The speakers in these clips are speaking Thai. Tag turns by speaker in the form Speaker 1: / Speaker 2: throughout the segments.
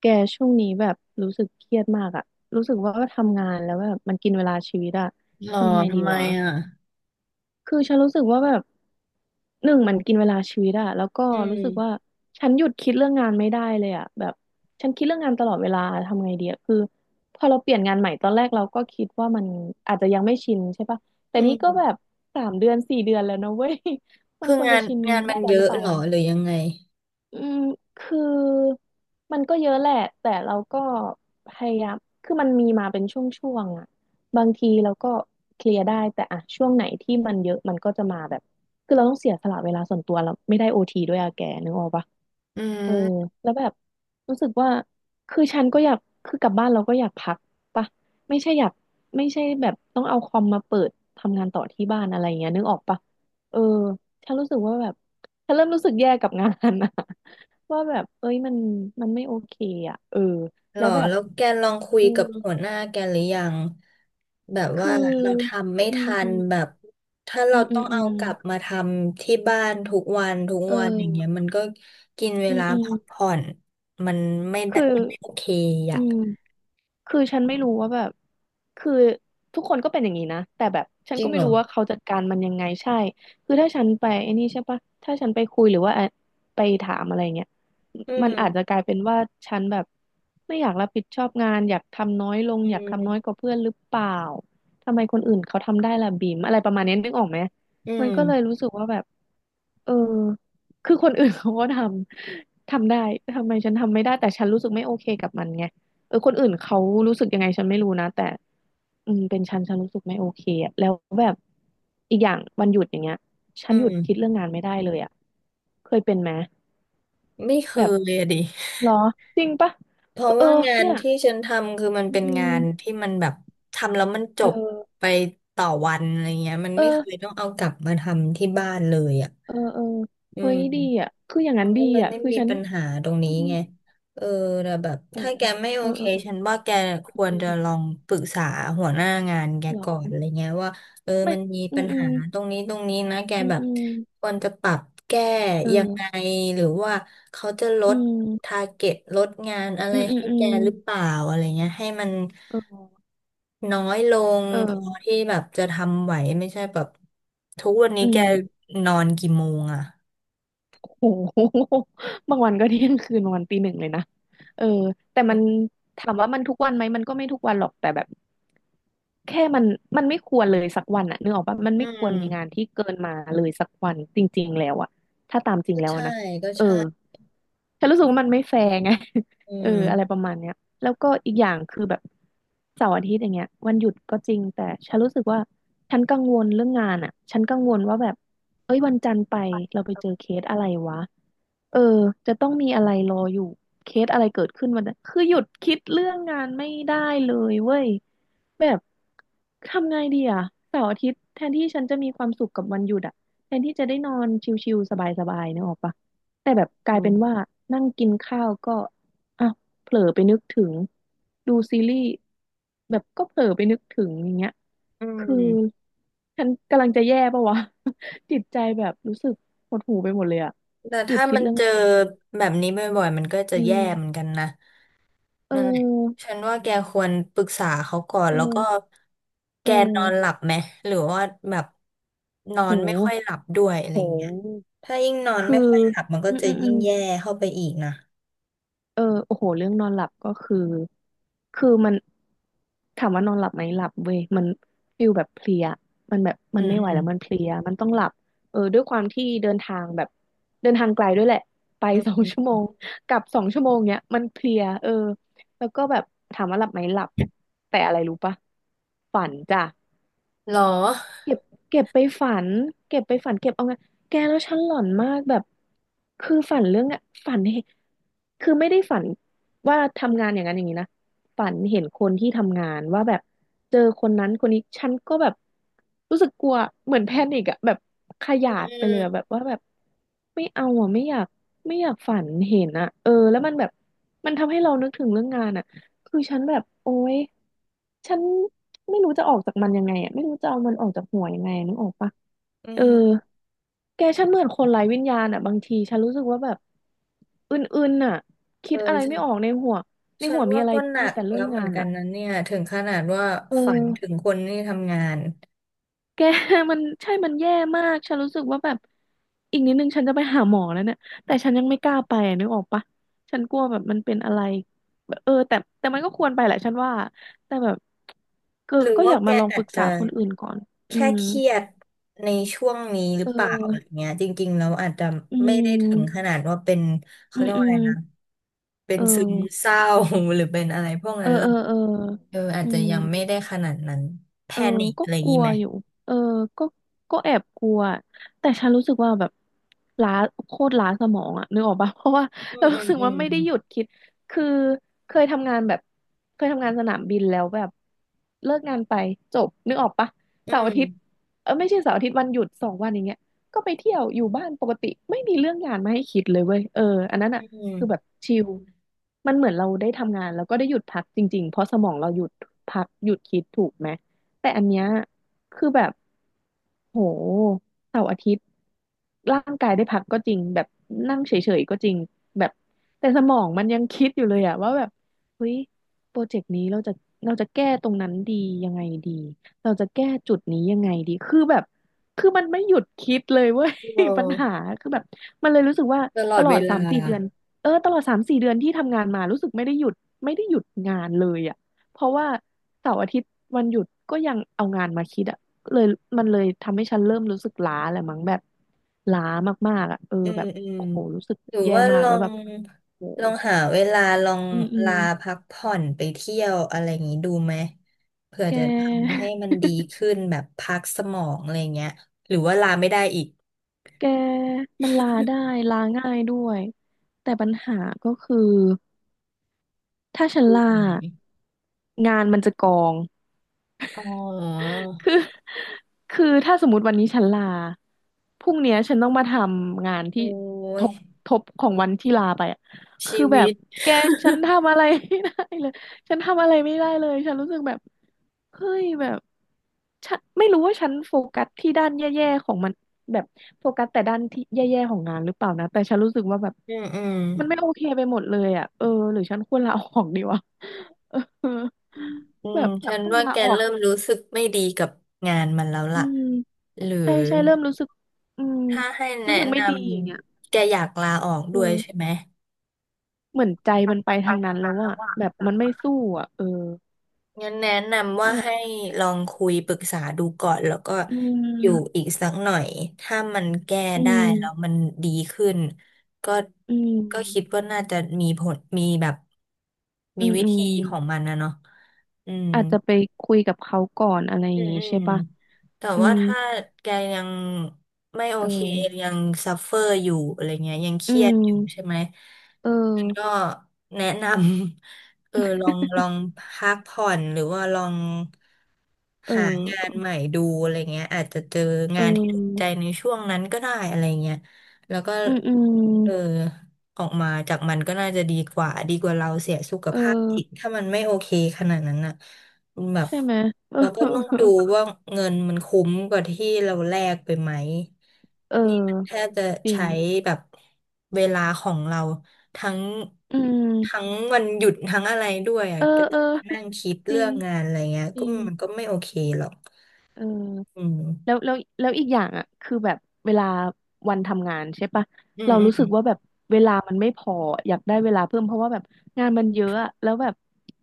Speaker 1: แกช่วงนี้แบบรู้สึกเครียดมากอะรู้สึกว่าทำงานแล้วแบบมันกินเวลาชีวิตอะ
Speaker 2: หรอ
Speaker 1: ทำไงดี
Speaker 2: ทำไม
Speaker 1: วะ
Speaker 2: อ่ะ
Speaker 1: คือฉันรู้สึกว่าแบบหนึ่งมันกินเวลาชีวิตอะแล้วก็
Speaker 2: อื
Speaker 1: รู้สึกว่า
Speaker 2: ม
Speaker 1: ฉันหยุดคิดเรื่องงานไม่ได้เลยอะแบบฉันคิดเรื่องงานตลอดเวลาทำไงดีอะคือพอเราเปลี่ยนงานใหม่ตอนแรกเราก็คิดว่ามันอาจจะยังไม่ชินใช่ปะแต่
Speaker 2: อื
Speaker 1: นี้ก็แบ
Speaker 2: ม
Speaker 1: บ3 เดือน 4 เดือนแล้วนะเว้ย มัน
Speaker 2: คือ
Speaker 1: ควร
Speaker 2: งา
Speaker 1: จะ
Speaker 2: น
Speaker 1: ชิน
Speaker 2: งานมั
Speaker 1: ได้
Speaker 2: น
Speaker 1: แล้
Speaker 2: เย
Speaker 1: วหรือ
Speaker 2: อะ
Speaker 1: เปล่า
Speaker 2: หรอ
Speaker 1: วะ
Speaker 2: หรือยังไง
Speaker 1: อืมคือมันก็เยอะแหละแต่เราก็พยายามคือมันมีมาเป็นช่วงๆอ่ะบางทีเราก็เคลียร์ได้แต่อ่ะช่วงไหนที่มันเยอะมันก็จะมาแบบคือเราต้องเสียสละเวลาส่วนตัวเราไม่ได้โอทีด้วยอะแกนึกออกปะ
Speaker 2: อื
Speaker 1: เออ
Speaker 2: ม
Speaker 1: แล้วแบบรู้สึกว่าคือฉันก็อยากคือกลับบ้านเราก็อยากพักปะไม่ใช่อยากไม่ใช่แบบต้องเอาคอมมาเปิดทำงานต่อที่บ้านอะไรอย่างเงี้ยนึกออกปะเออฉันรู้สึกว่าแบบฉันเริ่มรู้สึกแย่กับงานอะ ว่าแบบ เอ้ยมันไม่โอเคอ่ะเออ
Speaker 2: หร
Speaker 1: แล้
Speaker 2: อ
Speaker 1: วแบบ
Speaker 2: แล้วแกลองคุย
Speaker 1: เออ
Speaker 2: กับหัวหน้าแกหรือยัง แบบ
Speaker 1: คื
Speaker 2: ว่า
Speaker 1: อ
Speaker 2: เราทำไม่
Speaker 1: อืม
Speaker 2: ทั
Speaker 1: อื
Speaker 2: น
Speaker 1: ม
Speaker 2: แบบถ้า
Speaker 1: อื
Speaker 2: เรา
Speaker 1: มอื
Speaker 2: ต้อ
Speaker 1: ม
Speaker 2: ง
Speaker 1: อื
Speaker 2: เอา
Speaker 1: ม
Speaker 2: กลับมาทำที่บ้านทุกวันทุก
Speaker 1: เ
Speaker 2: วันอย่างเงี้ย
Speaker 1: ออ
Speaker 2: มันก็กินเว
Speaker 1: อืม
Speaker 2: ลา
Speaker 1: อืม
Speaker 2: พักผ่อนมันไม่ได้
Speaker 1: คือ
Speaker 2: มันไม่โอเค
Speaker 1: อื
Speaker 2: อ่ะ
Speaker 1: ม คือฉันไม่รู้ว่าแบบคือทุกคนก็เป็นอย่างนี้นะแต่แบบฉั
Speaker 2: จ
Speaker 1: น
Speaker 2: ริ
Speaker 1: ก็
Speaker 2: งเห
Speaker 1: ไม่
Speaker 2: รอ
Speaker 1: รู้ว่าเขาจัดการมันยังไงใช่คือถ้าฉันไปไอ้นี่ใช่ปะถ้าฉันไปคุยหรือว่าไปถามอะไรเงี้ย
Speaker 2: อื
Speaker 1: มัน
Speaker 2: ม
Speaker 1: อาจจะกลายเป็นว่าฉันแบบไม่อยากรับผิดชอบงานอยากทำน้อยลง
Speaker 2: อื
Speaker 1: อยากทำน้อยก
Speaker 2: ม
Speaker 1: ว่าเพื่อนหรือเปล่าทำไมคนอื่นเขาทำได้ล่ะบีมอะไรประมาณนี้นึกออกไหม
Speaker 2: อื
Speaker 1: มัน
Speaker 2: ม
Speaker 1: ก็เลยรู้สึกว่าแบบ เออคือคนอื่น เขาก็ทำได้ ทำไมฉันทำไม่ได้แต่ฉันรู้สึกไม่โอเคกับมันไงเออคนอื่นเขารู้สึกยังไงฉันไม่รู้นะแต่อืมเป็นฉันฉันรู้สึกไม่โอเคอะแล้วแบบ อีกอย่างวันหยุดอย่างเงี้ยฉั
Speaker 2: อื
Speaker 1: นหยุดคิด
Speaker 2: ม
Speaker 1: เรื่องงานไม่ได้เลยอะเคยเป็นไหม
Speaker 2: ไม่เค
Speaker 1: แบบ
Speaker 2: ยอะดิ
Speaker 1: เหรอจริงปะ
Speaker 2: เพราะ
Speaker 1: เออ
Speaker 2: ว่างาน
Speaker 1: เนี่ย
Speaker 2: ที่ฉันทำคือมัน
Speaker 1: อืม
Speaker 2: เป็น
Speaker 1: อื
Speaker 2: งา
Speaker 1: ม
Speaker 2: นที่มันแบบทำแล้วมันจ
Speaker 1: เออ
Speaker 2: บไปต่อวันอะไรเงี้ยมันไม่เคย
Speaker 1: เออ
Speaker 2: ต้องเอากลับมาทำที่บ้านเลยอ่ะ
Speaker 1: เออเออ
Speaker 2: อื
Speaker 1: เฮ้
Speaker 2: ม
Speaker 1: ยดีอ่ะคืออย่าง
Speaker 2: มั
Speaker 1: นั้น
Speaker 2: น
Speaker 1: ดี
Speaker 2: ก็เลย
Speaker 1: อ่ะ
Speaker 2: ไม่
Speaker 1: คือ
Speaker 2: มี
Speaker 1: ฉัน
Speaker 2: ปัญหาตรง
Speaker 1: อื
Speaker 2: นี้
Speaker 1: ม
Speaker 2: ไงเออแต่แบบ
Speaker 1: โอ้
Speaker 2: ถ้าแกไม่โอ
Speaker 1: เออ
Speaker 2: เค
Speaker 1: เออเออ
Speaker 2: ฉันว่าแกค
Speaker 1: เออ
Speaker 2: ว
Speaker 1: เอ
Speaker 2: ร
Speaker 1: อ
Speaker 2: จะล
Speaker 1: เอ
Speaker 2: อ
Speaker 1: อ
Speaker 2: งปรึกษาหัวหน้างานแก
Speaker 1: หรอ
Speaker 2: ก่อนอะไรเงี้ยว่าเออ
Speaker 1: ไม่
Speaker 2: มันมี
Speaker 1: อื
Speaker 2: ปั
Speaker 1: ม
Speaker 2: ญ
Speaker 1: อื
Speaker 2: หา
Speaker 1: ม
Speaker 2: ตรงนี้นะแก
Speaker 1: อืม
Speaker 2: แบบ
Speaker 1: อืม
Speaker 2: ควรจะปรับแก้ยังไง
Speaker 1: เออ
Speaker 2: หรือว่าเขาจะล
Speaker 1: อื
Speaker 2: ด
Speaker 1: ม
Speaker 2: ทาร์เก็ตลดงานอะไร
Speaker 1: อืมอืม
Speaker 2: ให้
Speaker 1: อื
Speaker 2: แก
Speaker 1: ม
Speaker 2: หรือเปล่าอะไรเงี้ยให้มัน
Speaker 1: เออ
Speaker 2: น้อยลง
Speaker 1: เออ
Speaker 2: พอที่แบบจะทำไหวไม่ใช่แบบทุกวันนี้
Speaker 1: อื
Speaker 2: แก
Speaker 1: ม
Speaker 2: นอนกี่โมงอะ
Speaker 1: โห บางวันก็เที่ยงคืนบางวันตีหนึ่งเลยนะเออแต่มันถามว่ามันทุกวันไหมมันก็ไม่ทุกวันหรอกแต่แบบแค่มันไม่ควรเลยสักวันอะนึกออกปะมัน
Speaker 2: อื
Speaker 1: ไม่ควรมีงาน
Speaker 2: ม
Speaker 1: ที่เกินมาเลยสักวันจริงๆแล้วอะถ้าตามจริง
Speaker 2: ก็
Speaker 1: แล้วอะ
Speaker 2: ใช่
Speaker 1: นะ
Speaker 2: ก็
Speaker 1: เออ
Speaker 2: ใช่
Speaker 1: ฉันรู้สึกว่ามันไม่แฟร์ไง
Speaker 2: อื
Speaker 1: เออ อะไร
Speaker 2: ม
Speaker 1: ประมาณเนี้ยแล้วก็อีกอย่างคือแบบเสาร์อาทิตย์อย่างเงี้ยวันหยุดก็จริงแต่ฉันรู้สึกว่าฉันกังวลเรื่องงานอ่ะ ฉันกังวลว่าแบบเอ้ยวันจันทร์ไปเราไปเจอเคสอะไรวะเออจะต้องมีอะไรรออยู่เคสอะไรเกิดขึ้นวันนั้นคือหยุดคิดเรื่องงานไม่ได้เลยเว้ยแบบทำไงดีอ่ะเสาร์อาทิตย์แทนที่ฉันจะมีความสุขกับวันหยุดอ่ะแทนที่จะได้นอนชิลๆสบายๆนึกออกปะ แต่แบบก
Speaker 2: อื
Speaker 1: ลายเป็
Speaker 2: ม
Speaker 1: นว่านั่งกินข้าวก็อ่ะเผลอไปนึกถึงดูซีรีส์แบบก็เผลอไปนึกถึงอย่างเงี้ย
Speaker 2: อื
Speaker 1: คือ
Speaker 2: ม
Speaker 1: ฉันกำลังจะแย่ปะวะ จิตใจแบบรู้สึกหดหู่ไปหมดเลยอะ
Speaker 2: แต่
Speaker 1: หยุด
Speaker 2: ถ้า
Speaker 1: คิด
Speaker 2: มัน
Speaker 1: เรื่อง
Speaker 2: เจอ
Speaker 1: งานไม่ได้
Speaker 2: แบบนี้บ่อยๆมันก็จะ
Speaker 1: อื
Speaker 2: แย่เหมือ
Speaker 1: ม
Speaker 2: นกันนะ
Speaker 1: เ
Speaker 2: นั่นแหละ
Speaker 1: ออ
Speaker 2: ฉันว่าแกควรปรึกษาเขาก่อน
Speaker 1: เ
Speaker 2: แล้วก็
Speaker 1: ออ
Speaker 2: แก
Speaker 1: เอ
Speaker 2: นอนหลั
Speaker 1: อ
Speaker 2: บไหมหรือว่าแบบนอนไม่ค่อ
Speaker 1: โห
Speaker 2: ยหลับด้วยอะไร
Speaker 1: โ
Speaker 2: อย่างเงี้ย
Speaker 1: ห
Speaker 2: ถ้ายิ่งนอน
Speaker 1: คือ
Speaker 2: ไม่ค่อยหลับมันก็
Speaker 1: อืม
Speaker 2: จะ
Speaker 1: อืมอื
Speaker 2: ยิ่ง
Speaker 1: ม
Speaker 2: แย่เข้าไปอีกนะ
Speaker 1: เออโอ้โหเรื่องนอนหลับก็คือคือมันถามว่านอนหลับไหมหลับเว้ยมันฟิลแบบเพลียมันแบบ
Speaker 2: อื
Speaker 1: มัน
Speaker 2: ม
Speaker 1: ไม่ไหว
Speaker 2: อืม
Speaker 1: แล้วมันเพลียมันต้องหลับเออด้วยความที่เดินทางแบบเดินทางไกลด้วยแหละไป
Speaker 2: อื
Speaker 1: สองชั่วโม
Speaker 2: ม
Speaker 1: งกลับสองชั่วโมงเนี้ยมันเพลียเออแล้วก็แบบถามว่าหลับไหมหลับแต่อะไรรู้ปะฝันจ้ะ
Speaker 2: หรอ
Speaker 1: เก็บเก็บไปฝันเก็บไปฝันเก็บเอาไงแกแล้วฉันหลอนมากแบบคือฝันเรื่องอะฝันเห็นคือไม่ได้ฝันว่าทำงานอย่างนั้นอย่างนี้นะฝันเห็นคนที่ทำงานว่าแบบเจอคนนั้นคนนี้ฉันก็แบบรู้สึกกลัวเหมือนแพนิกอะแบบข
Speaker 2: อื
Speaker 1: ยา
Speaker 2: ม
Speaker 1: ด
Speaker 2: อื
Speaker 1: ไปเลยอะแบ
Speaker 2: ม
Speaker 1: บว่าแบบไม่เอาอะไม่อยากไม่อยากฝันเห็นอะเออแล้วมันแบบมันทำให้เรานึกถึงเรื่องงานอะ คือฉันแบบโอ๊ยฉันไม่รู้จะออกจากมันยังไงอ่ะไม่รู้จะเอามันออกจากหัวยังไงนึกออกปะ
Speaker 2: อื
Speaker 1: เออ
Speaker 2: ม
Speaker 1: แกฉันเหมือนคนไร้วิญญาณอ่ะบางทีฉันรู้สึกว่าแบบอึนๆอ่ะ
Speaker 2: เอ
Speaker 1: คิ
Speaker 2: อ
Speaker 1: ดอะไร
Speaker 2: ใช่
Speaker 1: ไม่ออกในหัวใน
Speaker 2: ฉั
Speaker 1: หั
Speaker 2: น
Speaker 1: วมี
Speaker 2: ว่า
Speaker 1: อะไร
Speaker 2: ก็หนั
Speaker 1: มี
Speaker 2: ก
Speaker 1: แต่เรื่
Speaker 2: แล้
Speaker 1: อ
Speaker 2: ว
Speaker 1: ง
Speaker 2: เหมื
Speaker 1: งา
Speaker 2: อน
Speaker 1: น
Speaker 2: กัน
Speaker 1: อ่ะ
Speaker 2: นะเนี่ยถึงขนาดว่า
Speaker 1: เ
Speaker 2: ฝันถึ
Speaker 1: ออ
Speaker 2: งคนที่ทำงาน
Speaker 1: แก มัน ใช่มันแย่มากฉันรู้สึกว่าแบบอีกนิดนึงฉันจะไปหาหมอแล้วเนี่ย แต่ฉันยังไม่กล้าไปอะนึกออกปะฉันกลัวแบบมันเป็นอะไรแบบแต่มันก็ควรไปแหละฉันว่า แต่แบบก็
Speaker 2: หรือ
Speaker 1: ก็อ
Speaker 2: ว่า
Speaker 1: ยาก
Speaker 2: แก
Speaker 1: มาลอง
Speaker 2: อา
Speaker 1: ป
Speaker 2: จ
Speaker 1: รึก
Speaker 2: จะ
Speaker 1: ษาคนอื่นก่อน อื
Speaker 2: แค่
Speaker 1: ม
Speaker 2: เครียดในช่วงนี้ห
Speaker 1: เ
Speaker 2: รือเปล่าอะไร
Speaker 1: ออ
Speaker 2: เงี้ยจริงๆแล้วอาจจะ
Speaker 1: อื
Speaker 2: ไม่ได้ถึงข
Speaker 1: ม
Speaker 2: นาดว่าเป็น
Speaker 1: อื
Speaker 2: เขาเรี
Speaker 1: ม
Speaker 2: ยก
Speaker 1: อื
Speaker 2: ว่าอะไร
Speaker 1: ม
Speaker 2: นะเป็น
Speaker 1: เอ
Speaker 2: ซึม
Speaker 1: อ
Speaker 2: เศร้า หรือเป็นอะไรพวก
Speaker 1: เอ
Speaker 2: นั้
Speaker 1: อ
Speaker 2: นหร
Speaker 1: เอ
Speaker 2: อ
Speaker 1: อ
Speaker 2: ก
Speaker 1: เออ
Speaker 2: เอออาจ
Speaker 1: อื
Speaker 2: จะ
Speaker 1: ม
Speaker 2: ยังไม่ได้ขนาดนั้นแพ
Speaker 1: เออ
Speaker 2: นิค
Speaker 1: ก็
Speaker 2: อะไรอย่า
Speaker 1: ก
Speaker 2: ง
Speaker 1: ลั
Speaker 2: งี้
Speaker 1: ว
Speaker 2: ไหม
Speaker 1: อยู่เออก็ก็แอบกลัว แต่ฉันรู้สึกว่าแบบล้าโคตรล้าสมองอะนึกออกปะ เพราะว่า
Speaker 2: อื
Speaker 1: เรา
Speaker 2: มอื
Speaker 1: รู้
Speaker 2: ม
Speaker 1: สึก
Speaker 2: อื
Speaker 1: ว่า
Speaker 2: ม
Speaker 1: ไม่ได้หยุดคิด คือเคยทำงานแบบเคยทำงานสนามบินแล้วแบบเลิกงานไปจบนึกออกปะ
Speaker 2: อื
Speaker 1: เสาร์อาทิตย์
Speaker 2: ม
Speaker 1: เออไม่ใช่เสาร์อาทิตย์วันหยุดสองวันอย่างเงี้ยก็ไปเที่ยวอยู่บ้านปกติไม่มีเรื่องงานมาให้คิดเลยเว้ยเอออันนั้น
Speaker 2: อื
Speaker 1: อะคือแบบ
Speaker 2: ม
Speaker 1: ชิลมันเหมือนเราได้ทำงานแล้วก็ได้หยุดพักจริงๆเพราะสมองเราหยุดพักหยุดคิดถูกไหม แต่อันเนี้ยคือแบบ โหเสาร์อาทิตย์ร่างกายได้พักก็จริงแบบนั่งเฉยๆก็จริงแบบแต่สมองมันยังคิดอยู่เลยอะว่าแบบเฮ้ยโปรเจกต์นี้เราจะแก้ตรงนั้นดียังไงดีเราจะแก้จุดนี้ยังไงดีคือแบบคือมันไม่หยุดคิดเลยเว้ย
Speaker 2: เ
Speaker 1: ปัญหา
Speaker 2: ออ
Speaker 1: คือแบบมันเลยรู้สึกว่า
Speaker 2: ตลอ
Speaker 1: ต
Speaker 2: ด
Speaker 1: ลอ
Speaker 2: เว
Speaker 1: ดสา
Speaker 2: ลา
Speaker 1: มสี่เดือนเออตลอดสามสี่เดือนที่ทำงานมารู้สึกไม่ได้หยุดไม่ได้หยุดงานเลยอะเพราะว่าเสาร์อาทิตย์วันหยุดก็ยังเอางานมาคิดอะ เลยมันเลยทำให้ฉันเริ่มรู้สึกล้าแหละมั้งแบบล้ามากๆอ่ะเออ
Speaker 2: อื
Speaker 1: แบ
Speaker 2: ม
Speaker 1: บ
Speaker 2: อืม
Speaker 1: โหรู้สึก
Speaker 2: หรือ
Speaker 1: แย่
Speaker 2: ว่า
Speaker 1: มา
Speaker 2: ล
Speaker 1: ก
Speaker 2: อ
Speaker 1: แล้ว
Speaker 2: ง
Speaker 1: แบบโห
Speaker 2: หาเวลาลอง
Speaker 1: อืมอืม
Speaker 2: ลาพักผ่อนไปเที่ยวอะไรอย่างนี้ดูไหมเผื่อ
Speaker 1: แก
Speaker 2: จะทำให้มัน ดีขึ้นแบบพักสมองอะไรเงี้ยหรือว่าลาไม่ได้อีก
Speaker 1: แกมันลาได้ลาง่ายด้วยแต่ปัญหาก็คือถ้าฉัน
Speaker 2: ดู
Speaker 1: ลา
Speaker 2: ไหม
Speaker 1: งานมันจะกอง
Speaker 2: อ๋อ
Speaker 1: คือ คือถ้าสมมติวันนี้ฉันลาพรุ่งเนี้ยฉันต้องมาทำงาน
Speaker 2: โอ้
Speaker 1: ที่ท
Speaker 2: ย
Speaker 1: บทบของวันที่ลาไปอะ
Speaker 2: ชี
Speaker 1: คือแบ
Speaker 2: วิ
Speaker 1: บ
Speaker 2: ต
Speaker 1: แกฉัน ทำอะไรไม่ได้เลยฉันทำอะไรไม่ได้เลยฉันรู้สึกแบบเฮ้ยแบบฉันไม่รู้ว่าฉันโฟกัสที่ด้านแย่ๆของมันแบบโฟกัสแต่ด้านที่แย่ๆของงานหรือเปล่านะ แต่ฉันรู้สึกว่าแบบ
Speaker 2: อืมอืม
Speaker 1: มันไม่โอเคไปหมดเลยอ่ะเออ หรือฉันควรลาออกดีวะ เออ
Speaker 2: อื
Speaker 1: แบ
Speaker 2: ม
Speaker 1: บ
Speaker 2: ฉัน
Speaker 1: ต้อง
Speaker 2: ว่า
Speaker 1: ลา
Speaker 2: แก
Speaker 1: ออก
Speaker 2: เริ่มรู้สึกไม่ดีกับงานมันแล้ว
Speaker 1: อื
Speaker 2: ล่ะ
Speaker 1: ม
Speaker 2: หรือ
Speaker 1: ใช่ใช่เริ่มรู้สึกอืม
Speaker 2: ถ้าให้แนะ
Speaker 1: รู้สึกไม่
Speaker 2: น
Speaker 1: ดีอย่างเงี้ย
Speaker 2: ำแกอยากลาออก
Speaker 1: เอ
Speaker 2: ด้วยใช่
Speaker 1: อ
Speaker 2: ไหม
Speaker 1: เหมือนใจมันไป
Speaker 2: ไป
Speaker 1: ทางนั้
Speaker 2: ทา
Speaker 1: น
Speaker 2: ง
Speaker 1: แล้
Speaker 2: นั้
Speaker 1: ว
Speaker 2: นแล้
Speaker 1: อะ
Speaker 2: วว่า
Speaker 1: แบบ
Speaker 2: จะ
Speaker 1: มันไม่สู้อะเออ
Speaker 2: งั้นแนะนำว่า
Speaker 1: นั่นแห
Speaker 2: ให้
Speaker 1: ละ
Speaker 2: ลองคุยปรึกษาดูก่อนแล้วก็
Speaker 1: อื
Speaker 2: อยู่
Speaker 1: ม
Speaker 2: อีกสักหน่อย ถ้ามันแก้
Speaker 1: อื
Speaker 2: ได้แล้ว
Speaker 1: ม
Speaker 2: มันดีขึ้นก็
Speaker 1: อื
Speaker 2: คิด
Speaker 1: ม
Speaker 2: ว่าน่าจะมีผลมีแบบมี
Speaker 1: อืม
Speaker 2: วิ
Speaker 1: อืม
Speaker 2: ธีของมันนะเนาะอืม
Speaker 1: อาจจะไปคุยกับเขาก่อนอะไรอ
Speaker 2: อื
Speaker 1: ย่าง
Speaker 2: ม
Speaker 1: งี้
Speaker 2: อืม
Speaker 1: ใช่ปะ
Speaker 2: แต่
Speaker 1: อื
Speaker 2: ว่า
Speaker 1: ม
Speaker 2: ถ้าแกยังไม่โอ
Speaker 1: เ
Speaker 2: เค
Speaker 1: ออ
Speaker 2: ยังซัฟเฟอร์อยู่อะไรเงี้ยยังเค
Speaker 1: อื
Speaker 2: รียดอยู่ใช่
Speaker 1: ม
Speaker 2: ไหม
Speaker 1: เออ
Speaker 2: มันก็แนะนำ เออลองพักผ่อนหรือว่าลอง
Speaker 1: เอ
Speaker 2: หางาน
Speaker 1: อ
Speaker 2: ใหม่ดูอะไรเงี้ยอาจจะเจอ
Speaker 1: เอ
Speaker 2: งานที่ถูกใจ
Speaker 1: อ
Speaker 2: ในช่วงนั้นก็ได้อะไรเงี้ยแล้วก็
Speaker 1: อืมอื
Speaker 2: เออ
Speaker 1: ม
Speaker 2: ออกมาจากมันก็น่าจะดีกว่าดีกว่าเราเสียสุข
Speaker 1: เอ
Speaker 2: ภาพจิต
Speaker 1: อ
Speaker 2: ถ้ามันไม่โอเคขนาดนั้นน่ะแบบ
Speaker 1: ใช่ไหม
Speaker 2: เราก็ต้องดู ว่าเงินมันคุ้มกว่าที่เราแลกไปไหม
Speaker 1: เออ
Speaker 2: นี่มันแท
Speaker 1: เออ
Speaker 2: บจะ
Speaker 1: จริ
Speaker 2: ใช้
Speaker 1: ง
Speaker 2: แบบเวลาของเราทั้ง
Speaker 1: อื
Speaker 2: ทั้ง
Speaker 1: ม
Speaker 2: วันหยุดทั้งอะไรด้วยอ่ะ
Speaker 1: เออ
Speaker 2: ก็
Speaker 1: เออ
Speaker 2: นั่งคิด
Speaker 1: จริ
Speaker 2: เรื่อ
Speaker 1: ง
Speaker 2: งงานอะไรเงี้ย
Speaker 1: จ
Speaker 2: ก็
Speaker 1: ริง
Speaker 2: มันก็ไม่โอเคหรอก
Speaker 1: เอ
Speaker 2: อื
Speaker 1: อ
Speaker 2: ม
Speaker 1: แล้วอีกอย่างอ่ะคือแบบเวลาวันทำงานใช่ปะ
Speaker 2: อืม
Speaker 1: เรารู้
Speaker 2: อื
Speaker 1: สึก
Speaker 2: ม
Speaker 1: ว่าแบบเวลามันไม่พออยากได้เวลาเพิ่มเพราะว่าแบบงานมันเยอะอะแล้วแบบ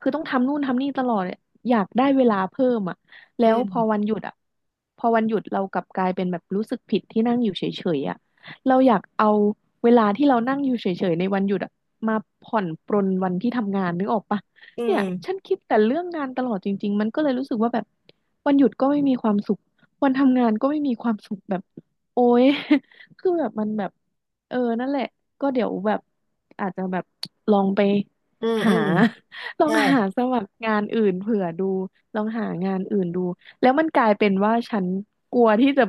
Speaker 1: คือต้องทำนู่นทำนี่ตลอดอะอยากได้เวลาเพิ่มอ่ะแล้
Speaker 2: อื
Speaker 1: วพอวั
Speaker 2: ม
Speaker 1: นหยุดอ่ะพอวันหยุดเรากลับกลายเป็นแบบรู้สึกผิดที่นั่งอยู่เฉยๆอ่ะเราอยากเอาเวลาที่เรานั่งอยู่เฉยๆในวันหยุดอ่ะมาผ่อนปรนวันที่ทำงานนึกออกปะ
Speaker 2: อื
Speaker 1: เนี่ย
Speaker 2: ม
Speaker 1: ฉันคิดแต่เรื่องงานตลอดจริงๆมันก็เลยรู้สึกว่าแบบวันหยุดก็ไม่มีความสุข วันทำงานก็ไม่มีความสุขแบบโอ๊ย คือแบบมันแบบเออนั่นแหละก็เดี๋ยวแบบอาจจะแบบลองไป
Speaker 2: อืม
Speaker 1: หา
Speaker 2: อื
Speaker 1: ลอง
Speaker 2: ใช่
Speaker 1: หาสมัครงานอื่นเผื่อดูลองหางานอื่นดูแล้วมันกลายเป็นว่าฉันกลัวที่จะ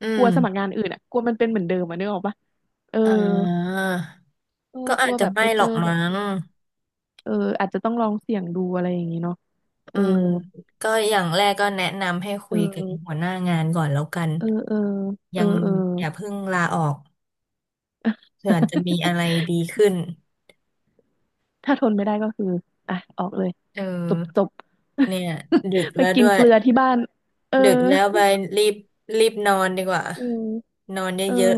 Speaker 2: อื
Speaker 1: กลั
Speaker 2: ม
Speaker 1: วสมัครงานอื่นอ่ะกลัวมันเป็นเหมือนเดิมอ่ะนึกออกปะเออ
Speaker 2: อ่า
Speaker 1: เออ
Speaker 2: ก็
Speaker 1: ก
Speaker 2: อา
Speaker 1: ลั
Speaker 2: จ
Speaker 1: ว
Speaker 2: จะ
Speaker 1: แบบ
Speaker 2: ไม่
Speaker 1: ไป
Speaker 2: หร
Speaker 1: เจ
Speaker 2: อ
Speaker 1: อ
Speaker 2: ก
Speaker 1: แบ
Speaker 2: มั้
Speaker 1: บ
Speaker 2: ง
Speaker 1: เดิมเอออาจจะต้องลองเสี่ยงดูอะไรอย่างงี้เนาะเอ
Speaker 2: อื
Speaker 1: อ
Speaker 2: มก็อย่างแรกก็แนะนำให้
Speaker 1: เอ
Speaker 2: คุยกับ
Speaker 1: อ
Speaker 2: หัวหน้างานก่อนแล้วกัน
Speaker 1: เออเออเอ
Speaker 2: ยั
Speaker 1: อ
Speaker 2: ง
Speaker 1: เออ
Speaker 2: อย่าเพิ่งลาออกเผื่อจะมีอะไรดีขึ้น
Speaker 1: ถ้าทนไม่ได้ก็คือ อ่ะ ออกเลย
Speaker 2: เอ
Speaker 1: จบ จ
Speaker 2: อ
Speaker 1: บ
Speaker 2: เนี่ยดึก
Speaker 1: ไป
Speaker 2: แล้ว
Speaker 1: กิ
Speaker 2: ด้
Speaker 1: น
Speaker 2: วย
Speaker 1: เกลือที่บ้าน เออ
Speaker 2: ดึกแล้วไปรีบรีบนอนดีกว่า
Speaker 1: เออ
Speaker 2: นอน
Speaker 1: เออ
Speaker 2: เยอะ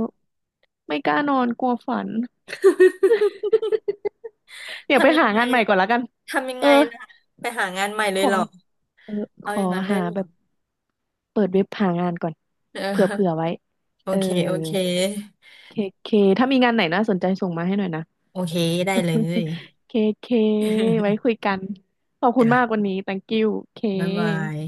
Speaker 1: ไม่กล้านอนกลัวฝัน
Speaker 2: ๆ
Speaker 1: เดี๋ยวไป
Speaker 2: ทำยั
Speaker 1: หา
Speaker 2: งไง
Speaker 1: งานใหม่ก่อนละกัน
Speaker 2: ทำยัง
Speaker 1: เอ
Speaker 2: ไง
Speaker 1: อ
Speaker 2: ล่ะไปหางานใหม่เล
Speaker 1: ข
Speaker 2: ย
Speaker 1: อ
Speaker 2: เหรอ
Speaker 1: เออ ข
Speaker 2: เอาอ
Speaker 1: อ
Speaker 2: ย่างนั้นเล
Speaker 1: หา
Speaker 2: ยเหรอ
Speaker 1: แบบเปิดเว็บหางานก่อน
Speaker 2: เ
Speaker 1: เผื่อ
Speaker 2: ออ
Speaker 1: ไว้
Speaker 2: โอ
Speaker 1: เออ
Speaker 2: เคโอเค
Speaker 1: เค เค ถ้ามีงานไหนน่าสนใจส่งมาให้หน่อยนะ
Speaker 2: โอเคได้เลย
Speaker 1: เค เค ไว้คุย กัน ขอบคุณ
Speaker 2: จ้ะ
Speaker 1: มากวันนี้ thank you เค
Speaker 2: บ๊ายบาย